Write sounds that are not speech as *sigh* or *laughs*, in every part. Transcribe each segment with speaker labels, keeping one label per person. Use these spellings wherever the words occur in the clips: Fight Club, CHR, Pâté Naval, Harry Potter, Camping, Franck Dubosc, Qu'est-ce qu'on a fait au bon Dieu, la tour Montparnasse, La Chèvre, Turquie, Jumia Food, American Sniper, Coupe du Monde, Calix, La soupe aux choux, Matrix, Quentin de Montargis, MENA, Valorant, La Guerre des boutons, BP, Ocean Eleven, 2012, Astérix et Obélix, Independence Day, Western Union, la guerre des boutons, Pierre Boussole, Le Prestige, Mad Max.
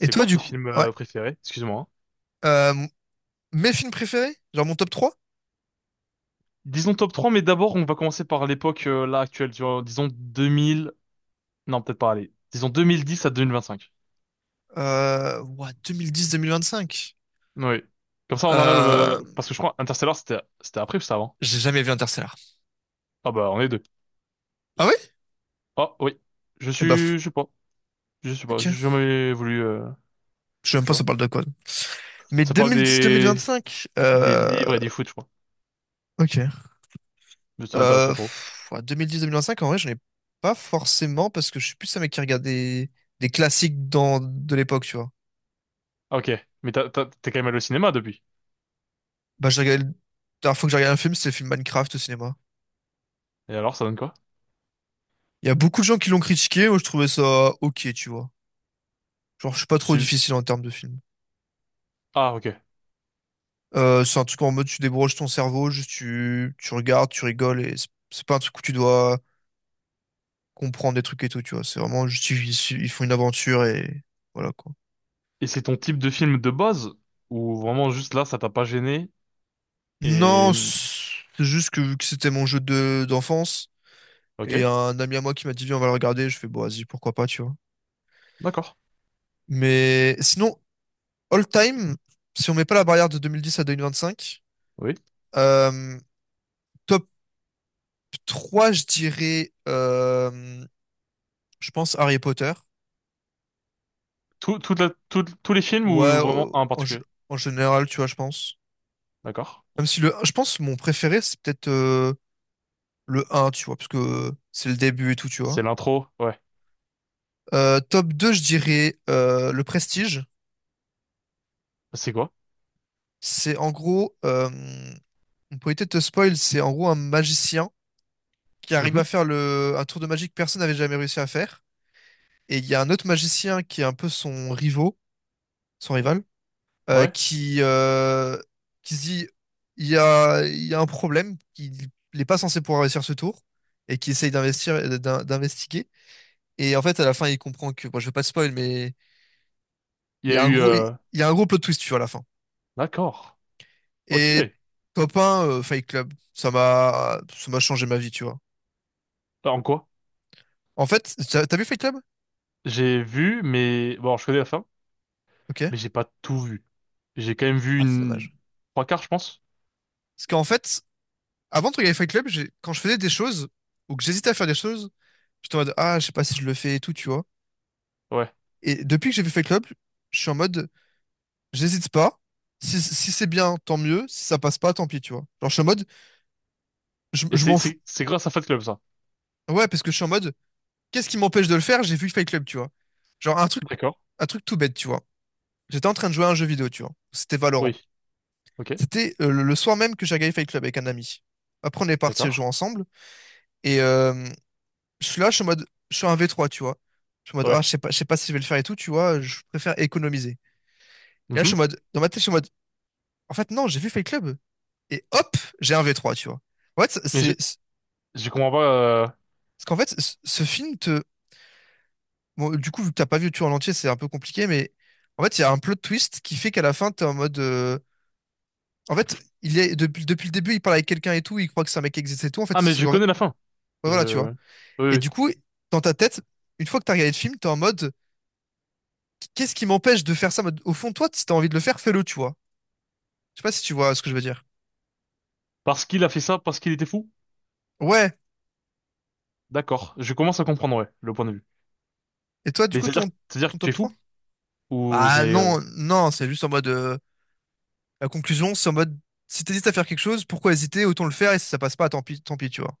Speaker 1: Et toi,
Speaker 2: quoi
Speaker 1: du
Speaker 2: tes
Speaker 1: coup,
Speaker 2: films
Speaker 1: ouais,
Speaker 2: préférés? Excuse-moi, hein.
Speaker 1: euh, mes films préférés, genre mon top 3,
Speaker 2: Disons top 3, mais d'abord, on va commencer par l'époque là actuelle, tu vois, disons 2000, non, peut-être pas, allez, disons 2010 à 2025.
Speaker 1: ouah, 2010-2025.
Speaker 2: Oui. Comme ça, on enlève,
Speaker 1: Euh,
Speaker 2: parce que je crois Interstellar, c'était après ou c'était avant?
Speaker 1: j'ai jamais vu Interstellar.
Speaker 2: Ah bah, on est deux.
Speaker 1: Ah oui?
Speaker 2: Ah oui,
Speaker 1: Eh bah,
Speaker 2: je sais pas, j'ai
Speaker 1: ok.
Speaker 2: jamais voulu,
Speaker 1: Je sais même
Speaker 2: tu
Speaker 1: pas ça
Speaker 2: vois.
Speaker 1: parle de quoi. Mais
Speaker 2: Ça parle
Speaker 1: 2010-2025,
Speaker 2: des livres et du foot, je crois.
Speaker 1: ok.
Speaker 2: Mais ça m'intéresse pas trop.
Speaker 1: Pff, ouais, 2010-2025, en vrai, j'en ai pas forcément parce que je suis plus un mec qui regarde des classiques de l'époque, tu vois.
Speaker 2: Ah, ok, mais t'es quand même allé au cinéma depuis.
Speaker 1: Bah, la dernière fois que j'ai regardé un film, c'était le film Minecraft au cinéma.
Speaker 2: Et alors, ça donne quoi?
Speaker 1: Il y a beaucoup de gens qui l'ont critiqué, moi je trouvais ça ok, tu vois. Genre, je suis pas
Speaker 2: Je
Speaker 1: trop
Speaker 2: suis-
Speaker 1: difficile en termes de film.
Speaker 2: Ah, ok.
Speaker 1: C'est un truc en mode tu débranches ton cerveau, juste tu regardes, tu rigoles et c'est pas un truc où tu dois comprendre des trucs et tout, tu vois. C'est vraiment juste ils font une aventure et voilà quoi.
Speaker 2: Et c'est ton type de film de base ou vraiment juste là, ça t'a pas gêné et
Speaker 1: Non, c'est juste que vu que c'était mon jeu de d'enfance et
Speaker 2: ok,
Speaker 1: un ami à moi qui m'a dit viens on va le regarder, je fais bon vas-y pourquoi pas, tu vois.
Speaker 2: d'accord,
Speaker 1: Mais sinon, all time, si on met pas la barrière de 2010 à 2025,
Speaker 2: oui.
Speaker 1: euh, top 3 je dirais je pense Harry Potter.
Speaker 2: Tout, toute la- tout- Tous les films
Speaker 1: Ouais,
Speaker 2: ou vraiment un en particulier?
Speaker 1: en général, tu vois, je pense.
Speaker 2: D'accord.
Speaker 1: Même si je pense que mon préféré, c'est peut-être le un tu vois, parce que c'est le début et tout, tu vois.
Speaker 2: C'est l'intro, ouais.
Speaker 1: Top 2 je dirais le Prestige.
Speaker 2: C'est quoi?
Speaker 1: C'est en gros, on peut éviter de te spoil, c'est en gros un magicien qui arrive à
Speaker 2: Mhm.
Speaker 1: faire un tour de magie que personne n'avait jamais réussi à faire. Et il y a un autre magicien qui est un peu son rival, euh,
Speaker 2: Ouais.
Speaker 1: qui, euh, qui se dit il y a un problème, il n'est pas censé pouvoir réussir ce tour, et qui essaye d'investiguer. Et en fait, à la fin, il comprend que, bon, je vais pas te spoil, mais
Speaker 2: Il y a eu,
Speaker 1: il y a un gros plot twist, tu vois, à la fin.
Speaker 2: d'accord, ok.
Speaker 1: Et top 1, Fight Club, ça m'a changé ma vie, tu vois.
Speaker 2: Bah, en quoi?
Speaker 1: En fait, t'as vu Fight Club?
Speaker 2: J'ai vu, mais bon, je connais la fin,
Speaker 1: Ok.
Speaker 2: mais j'ai pas tout vu. J'ai quand même vu
Speaker 1: Ah, c'est
Speaker 2: une
Speaker 1: dommage.
Speaker 2: trois quarts, je pense.
Speaker 1: Parce qu'en fait, avant de regarder Fight Club, quand je faisais des choses, ou que j'hésitais à faire des choses, j'étais en mode, ah, je sais pas si je le fais et tout, tu vois.
Speaker 2: Ouais.
Speaker 1: Et depuis que j'ai vu Fight Club, je suis en mode, j'hésite pas. Si, si c'est bien, tant mieux. Si ça passe pas, tant pis, tu vois. Genre, je suis en mode,
Speaker 2: Et
Speaker 1: je
Speaker 2: c'est
Speaker 1: m'en fous.
Speaker 2: c'est c'est grâce à Fight Club ça.
Speaker 1: Ouais, parce que je suis en mode, qu'est-ce qui m'empêche de le faire? J'ai vu Fight Club, tu vois. Genre,
Speaker 2: D'accord.
Speaker 1: un truc tout bête, tu vois. J'étais en train de jouer à un jeu vidéo, tu vois. C'était Valorant.
Speaker 2: Oui. Ok.
Speaker 1: C'était le soir même que j'ai regardé Fight Club avec un ami. Après, on est parti
Speaker 2: D'accord.
Speaker 1: jouer ensemble. Et je suis là, je suis en mode, je suis un V3, tu vois. Je suis en mode, ah,
Speaker 2: Ouais.
Speaker 1: je sais pas si je vais le faire et tout, tu vois. Je préfère économiser. Et là, je suis
Speaker 2: Mhm.
Speaker 1: en mode, dans ma tête, je suis en mode, en fait, non, j'ai vu Fight Club. Et hop, j'ai un V3, tu vois. En fait,
Speaker 2: Mais je je comprends pas,
Speaker 1: parce qu'en fait, ce film te, bon, du coup, vu que t'as pas vu tout en entier, c'est un peu compliqué, mais en fait, il y a un plot twist qui fait qu'à la fin, t'es en mode, en fait, depuis le début, il parle avec quelqu'un et tout, il croit que c'est un mec qui existe et tout, en fait,
Speaker 2: ah, mais je connais la fin.
Speaker 1: ouais, voilà, tu vois.
Speaker 2: Je... Oui,
Speaker 1: Et
Speaker 2: oui.
Speaker 1: du coup, dans ta tête, une fois que t'as regardé le film, t'es en mode, qu'est-ce qui m'empêche de faire ça? En mode, au fond, toi, si t'as envie de le faire, fais-le, tu vois. Je sais pas si tu vois ce que je veux dire.
Speaker 2: Parce qu'il a fait ça, parce qu'il était fou?
Speaker 1: Ouais.
Speaker 2: D'accord. Je commence à comprendre, ouais, le point de vue.
Speaker 1: Et toi, du
Speaker 2: Mais
Speaker 1: coup,
Speaker 2: c'est-à-dire
Speaker 1: ton
Speaker 2: que tu
Speaker 1: top
Speaker 2: es
Speaker 1: trois.
Speaker 2: fou? Ou
Speaker 1: Bah
Speaker 2: j'ai...
Speaker 1: non, non, c'est juste en mode. La conclusion, c'est en mode, si t'hésites à faire quelque chose, pourquoi hésiter? Autant le faire et si ça passe pas, tant pis, tu vois.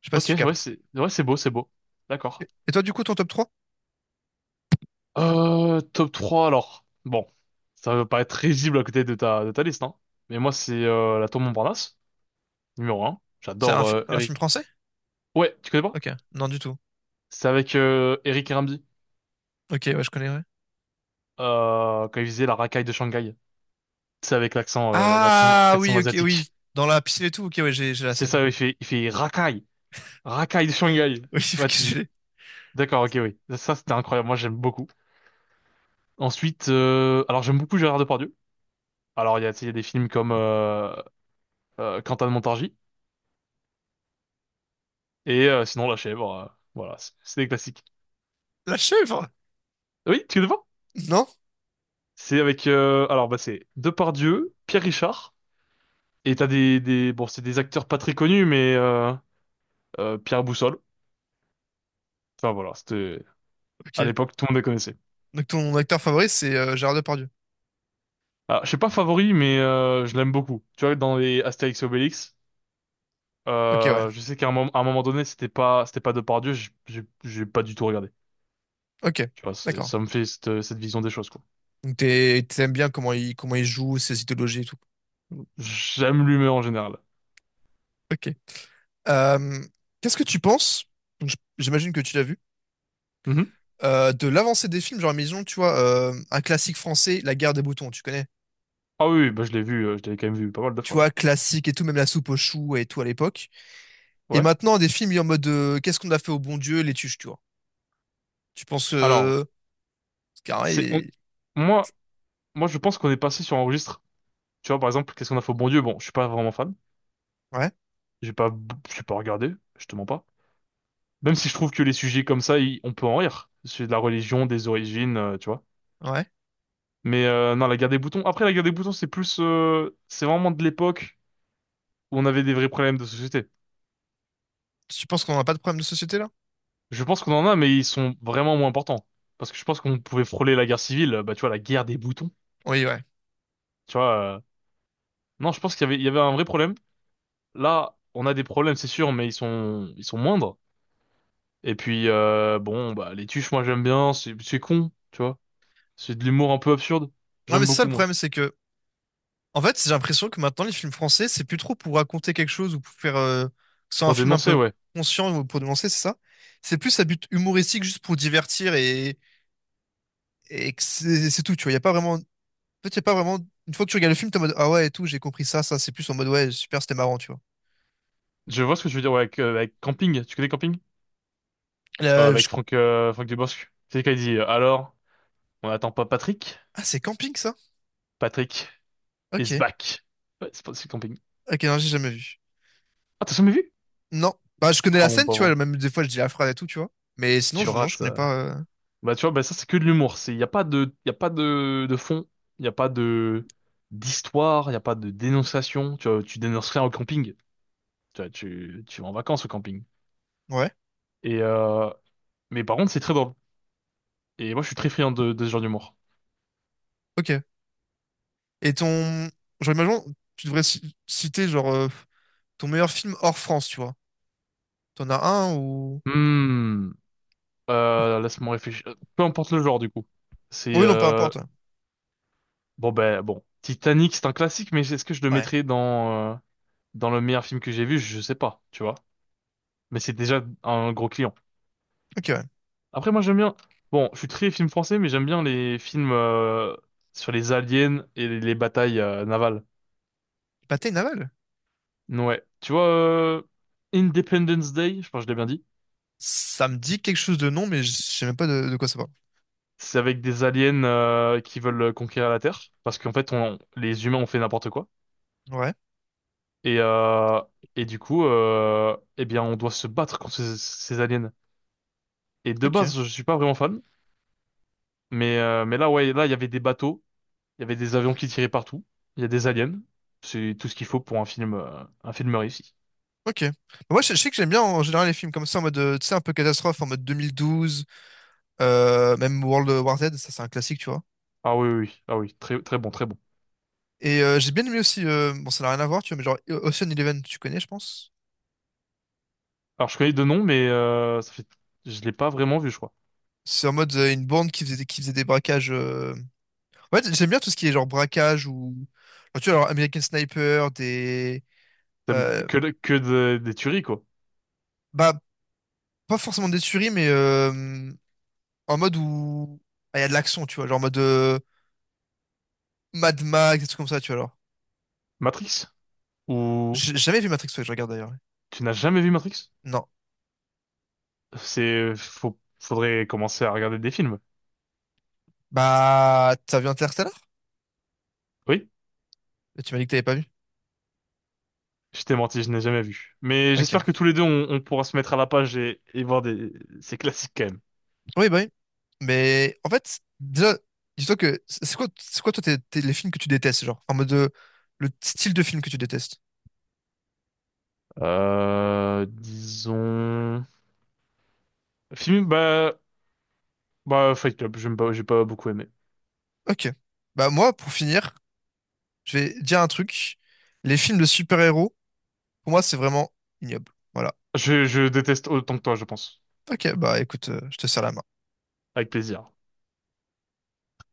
Speaker 1: Je sais pas si
Speaker 2: ok,
Speaker 1: tu captes.
Speaker 2: ouais, c'est beau, c'est beau. D'accord.
Speaker 1: Et toi, du coup, ton top trois.
Speaker 2: Top 3 alors. Bon, ça va pas être risible à côté de de ta liste, hein. Mais moi, c'est la tour Montparnasse, numéro un.
Speaker 1: C'est
Speaker 2: J'adore
Speaker 1: un
Speaker 2: Eric.
Speaker 1: film français?
Speaker 2: Ouais, tu connais pas?
Speaker 1: Ok, non, du tout.
Speaker 2: C'est avec Eric et Ramzy,
Speaker 1: Ok, ouais, je connais, ouais.
Speaker 2: quand il faisait la racaille de Shanghai. C'est avec l'accent
Speaker 1: Ah
Speaker 2: l'accent
Speaker 1: oui, ok, oui.
Speaker 2: asiatique.
Speaker 1: Dans la piscine et tout, ok, ouais, j'ai la
Speaker 2: C'est
Speaker 1: scène.
Speaker 2: ça, il fait racaille. Rakai de Shanghai.
Speaker 1: Oui, *laughs*
Speaker 2: Bah,
Speaker 1: ok, je
Speaker 2: tu...
Speaker 1: l'ai.
Speaker 2: D'accord, ok, oui. Ça, c'était incroyable. Moi, j'aime beaucoup. Ensuite, alors j'aime beaucoup Gérard Depardieu. Alors, il y a, tu sais, il y a des films comme Quentin de Montargis et sinon La Chèvre, voilà, c'est des classiques.
Speaker 1: La chèvre!
Speaker 2: Ah oui, tu connais pas?
Speaker 1: Non?
Speaker 2: C'est avec, alors, bah, c'est Depardieu, Pierre Richard et t'as des, bon, c'est des acteurs pas très connus, mais Pierre Boussole. Enfin voilà, c'était à
Speaker 1: Ok.
Speaker 2: l'époque, tout le monde les connaissait.
Speaker 1: Donc ton acteur favori, c'est Gérard Depardieu.
Speaker 2: Ah, je sais pas favori, mais je l'aime beaucoup. Tu vois, dans les Astérix et Obélix.
Speaker 1: Ok, ouais.
Speaker 2: Je sais qu'à un moment, à un moment donné, c'était pas Dieu, j'ai pas du tout regardé.
Speaker 1: Ok,
Speaker 2: Tu vois,
Speaker 1: d'accord.
Speaker 2: ça me fait cette vision des choses, quoi.
Speaker 1: Donc t'aimes bien comment il joue, ses idéologies et tout.
Speaker 2: J'aime l'humeur en général.
Speaker 1: Ok. Euh, Qu'est-ce que tu penses? Donc, j'imagine que tu l'as vu.
Speaker 2: Mhm.
Speaker 1: De l'avancée des films, genre, maison, tu vois, un classique français, La Guerre des boutons, tu connais?
Speaker 2: Ah oui, oui, bah je l'ai vu, je l'ai quand même vu pas mal de
Speaker 1: Tu
Speaker 2: fois, ouais.
Speaker 1: vois, classique et tout, même la soupe aux choux et tout à l'époque. Et
Speaker 2: Ouais.
Speaker 1: maintenant, des films en mode qu'est-ce qu'on a fait au bon Dieu, les tuches, tu vois. Tu penses
Speaker 2: Alors, c'est, on-
Speaker 1: carré,
Speaker 2: moi, moi, je pense qu'on est passé sur un registre. Tu vois, par exemple, qu'est-ce qu'on a fait au bon Dieu? Bon, je suis pas vraiment fan.
Speaker 1: ouais,
Speaker 2: J'ai pas, je suis pas regardé, je te mens pas. Même si je trouve que les sujets comme ça, on peut en rire. C'est de la religion, des origines, tu vois.
Speaker 1: ouais.
Speaker 2: Mais non, la guerre des boutons. Après, la guerre des boutons, c'est plus, c'est vraiment de l'époque où on avait des vrais problèmes de société.
Speaker 1: Tu penses qu'on n'a pas de problème de société là?
Speaker 2: Je pense qu'on en a, mais ils sont vraiment moins importants. Parce que je pense qu'on pouvait frôler la guerre civile, bah tu vois, la guerre des boutons.
Speaker 1: Oui, ouais.
Speaker 2: Tu vois, non, je pense qu'il y avait un vrai problème. Là, on a des problèmes, c'est sûr, mais ils sont moindres. Et puis, bon, bah les tuches, moi j'aime bien, c'est con, tu vois. C'est de l'humour un peu absurde.
Speaker 1: Ouais,
Speaker 2: J'aime
Speaker 1: mais c'est ça
Speaker 2: beaucoup,
Speaker 1: le
Speaker 2: moi.
Speaker 1: problème, c'est que en fait, j'ai l'impression que maintenant les films français, c'est plus trop pour raconter quelque chose ou pour faire sans un
Speaker 2: Pour
Speaker 1: film un
Speaker 2: dénoncer,
Speaker 1: peu
Speaker 2: ouais.
Speaker 1: conscient ou pour dénoncer, c'est ça? C'est plus à but humoristique, juste pour divertir et que c'est tout, tu vois. Il n'y a pas vraiment. En fait, c'est pas vraiment. Une fois que tu regardes le film, t'es en mode ah ouais et tout, j'ai compris ça, ça. C'est plus en mode ouais, super, c'était marrant, tu vois.
Speaker 2: Je vois ce que tu veux dire, ouais, avec, avec Camping. Tu connais Camping?
Speaker 1: Euh, je-
Speaker 2: Avec Franck Dubosc. C'est quand il dit, alors, on n'attend pas Patrick?
Speaker 1: Ah, c'est camping ça?
Speaker 2: Patrick
Speaker 1: Ok.
Speaker 2: is back. Ouais, c'est pas, c'est Camping.
Speaker 1: Ok, non, j'ai jamais vu.
Speaker 2: Ah, t'as jamais vu?
Speaker 1: Non. Bah, je connais la
Speaker 2: Ah, mon
Speaker 1: scène, tu vois.
Speaker 2: pauvre.
Speaker 1: Même des fois, je dis la phrase et tout, tu vois. Mais sinon,
Speaker 2: Tu
Speaker 1: non, je
Speaker 2: rates,
Speaker 1: connais
Speaker 2: euh.
Speaker 1: pas.
Speaker 2: Bah, tu vois, bah, ça, c'est que de l'humour. Y a pas y a pas de, de fond. Y a pas de, d'histoire. Y a pas de dénonciation. Tu vois, tu dénonces rien au camping. Tu vois, tu vas en vacances au camping.
Speaker 1: Ouais.
Speaker 2: Et, mais par contre, c'est très drôle. Et moi, je suis très friand de ce genre d'humour.
Speaker 1: Ok. Et ton. Genre, imaginons, tu devrais citer, genre, ton meilleur film hors France, tu vois. T'en as un ou.
Speaker 2: Hmm. Laisse-moi réfléchir. Peu importe le genre, du coup. C'est,
Speaker 1: Oui, non, peu importe.
Speaker 2: bon, Titanic, c'est un classique, mais est-ce que je le
Speaker 1: Ouais.
Speaker 2: mettrais dans, dans le meilleur film que j'ai vu? Je sais pas, tu vois. Mais c'est déjà un gros client.
Speaker 1: Ok, ouais.
Speaker 2: Après, moi, j'aime bien. Bon, je suis très film français, mais j'aime bien les films sur les aliens et les batailles navales.
Speaker 1: Pâté Naval?
Speaker 2: Ouais. Tu vois, Independence Day, je pense que je l'ai bien dit.
Speaker 1: Ça me dit quelque chose de nom, mais je sais même pas de quoi ça parle.
Speaker 2: C'est avec des aliens qui veulent conquérir la Terre, parce qu'en fait, on, les humains ont fait n'importe quoi.
Speaker 1: Ouais.
Speaker 2: Et, euh, et du coup, eh bien, on doit se battre contre ces aliens. Et de
Speaker 1: Ok.
Speaker 2: base, je suis pas vraiment fan, mais là, ouais, là, il y avait des bateaux. Il y avait des avions qui tiraient partout. Il y a des aliens. C'est tout ce qu'il faut pour un film réussi.
Speaker 1: Ok. Moi, je sais que j'aime bien en général les films comme ça, en mode, tu sais, un peu catastrophe, en mode 2012, même World War Z, ça c'est un classique, tu vois.
Speaker 2: Ah oui, oui, oui, ah oui, très, très bon, très bon.
Speaker 1: Et j'ai bien aimé aussi, bon, ça n'a rien à voir, tu vois, mais genre Ocean Eleven, tu connais, je pense.
Speaker 2: Alors je connais deux noms, mais ça fait, je l'ai pas vraiment vu, je crois.
Speaker 1: C'est en mode une bande qui qui faisait des braquages. Ouais, j'aime bien tout ce qui est genre braquage ou. Genre, tu vois, alors, American Sniper, des. euh,
Speaker 2: Des tueries, quoi.
Speaker 1: Bah, pas forcément des tueries, mais en mode où. Ah, il y a de l'action, tu vois, genre en mode Mad Max, des trucs comme ça, tu vois, alors.
Speaker 2: Matrix? Ou
Speaker 1: J'ai jamais vu Matrix, ouais, je regarde d'ailleurs.
Speaker 2: tu n'as jamais vu Matrix?
Speaker 1: Non.
Speaker 2: C'est, faudrait commencer à regarder des films.
Speaker 1: Bah, t'as vu Interstellar?
Speaker 2: Oui,
Speaker 1: Tu m'as dit que t'avais pas vu.
Speaker 2: je t'ai menti, je n'ai jamais vu. Mais
Speaker 1: Ok.
Speaker 2: j'espère que tous les deux, on pourra se mettre à la page et voir des, ces classiques quand même.
Speaker 1: Oui, bah oui. Mais en fait, déjà, dis-toi que c'est quoi toi les films que tu détestes, genre, en mode le style de film que tu détestes.
Speaker 2: Disons film, bah, Fight Club, j'aime pas, j'ai pas beaucoup aimé.
Speaker 1: Ok. Bah moi, pour finir, je vais dire un truc. Les films de super-héros, pour moi, c'est vraiment ignoble. Voilà.
Speaker 2: Je déteste autant que toi, je pense.
Speaker 1: Ok, bah écoute, je te sers la main.
Speaker 2: Avec plaisir.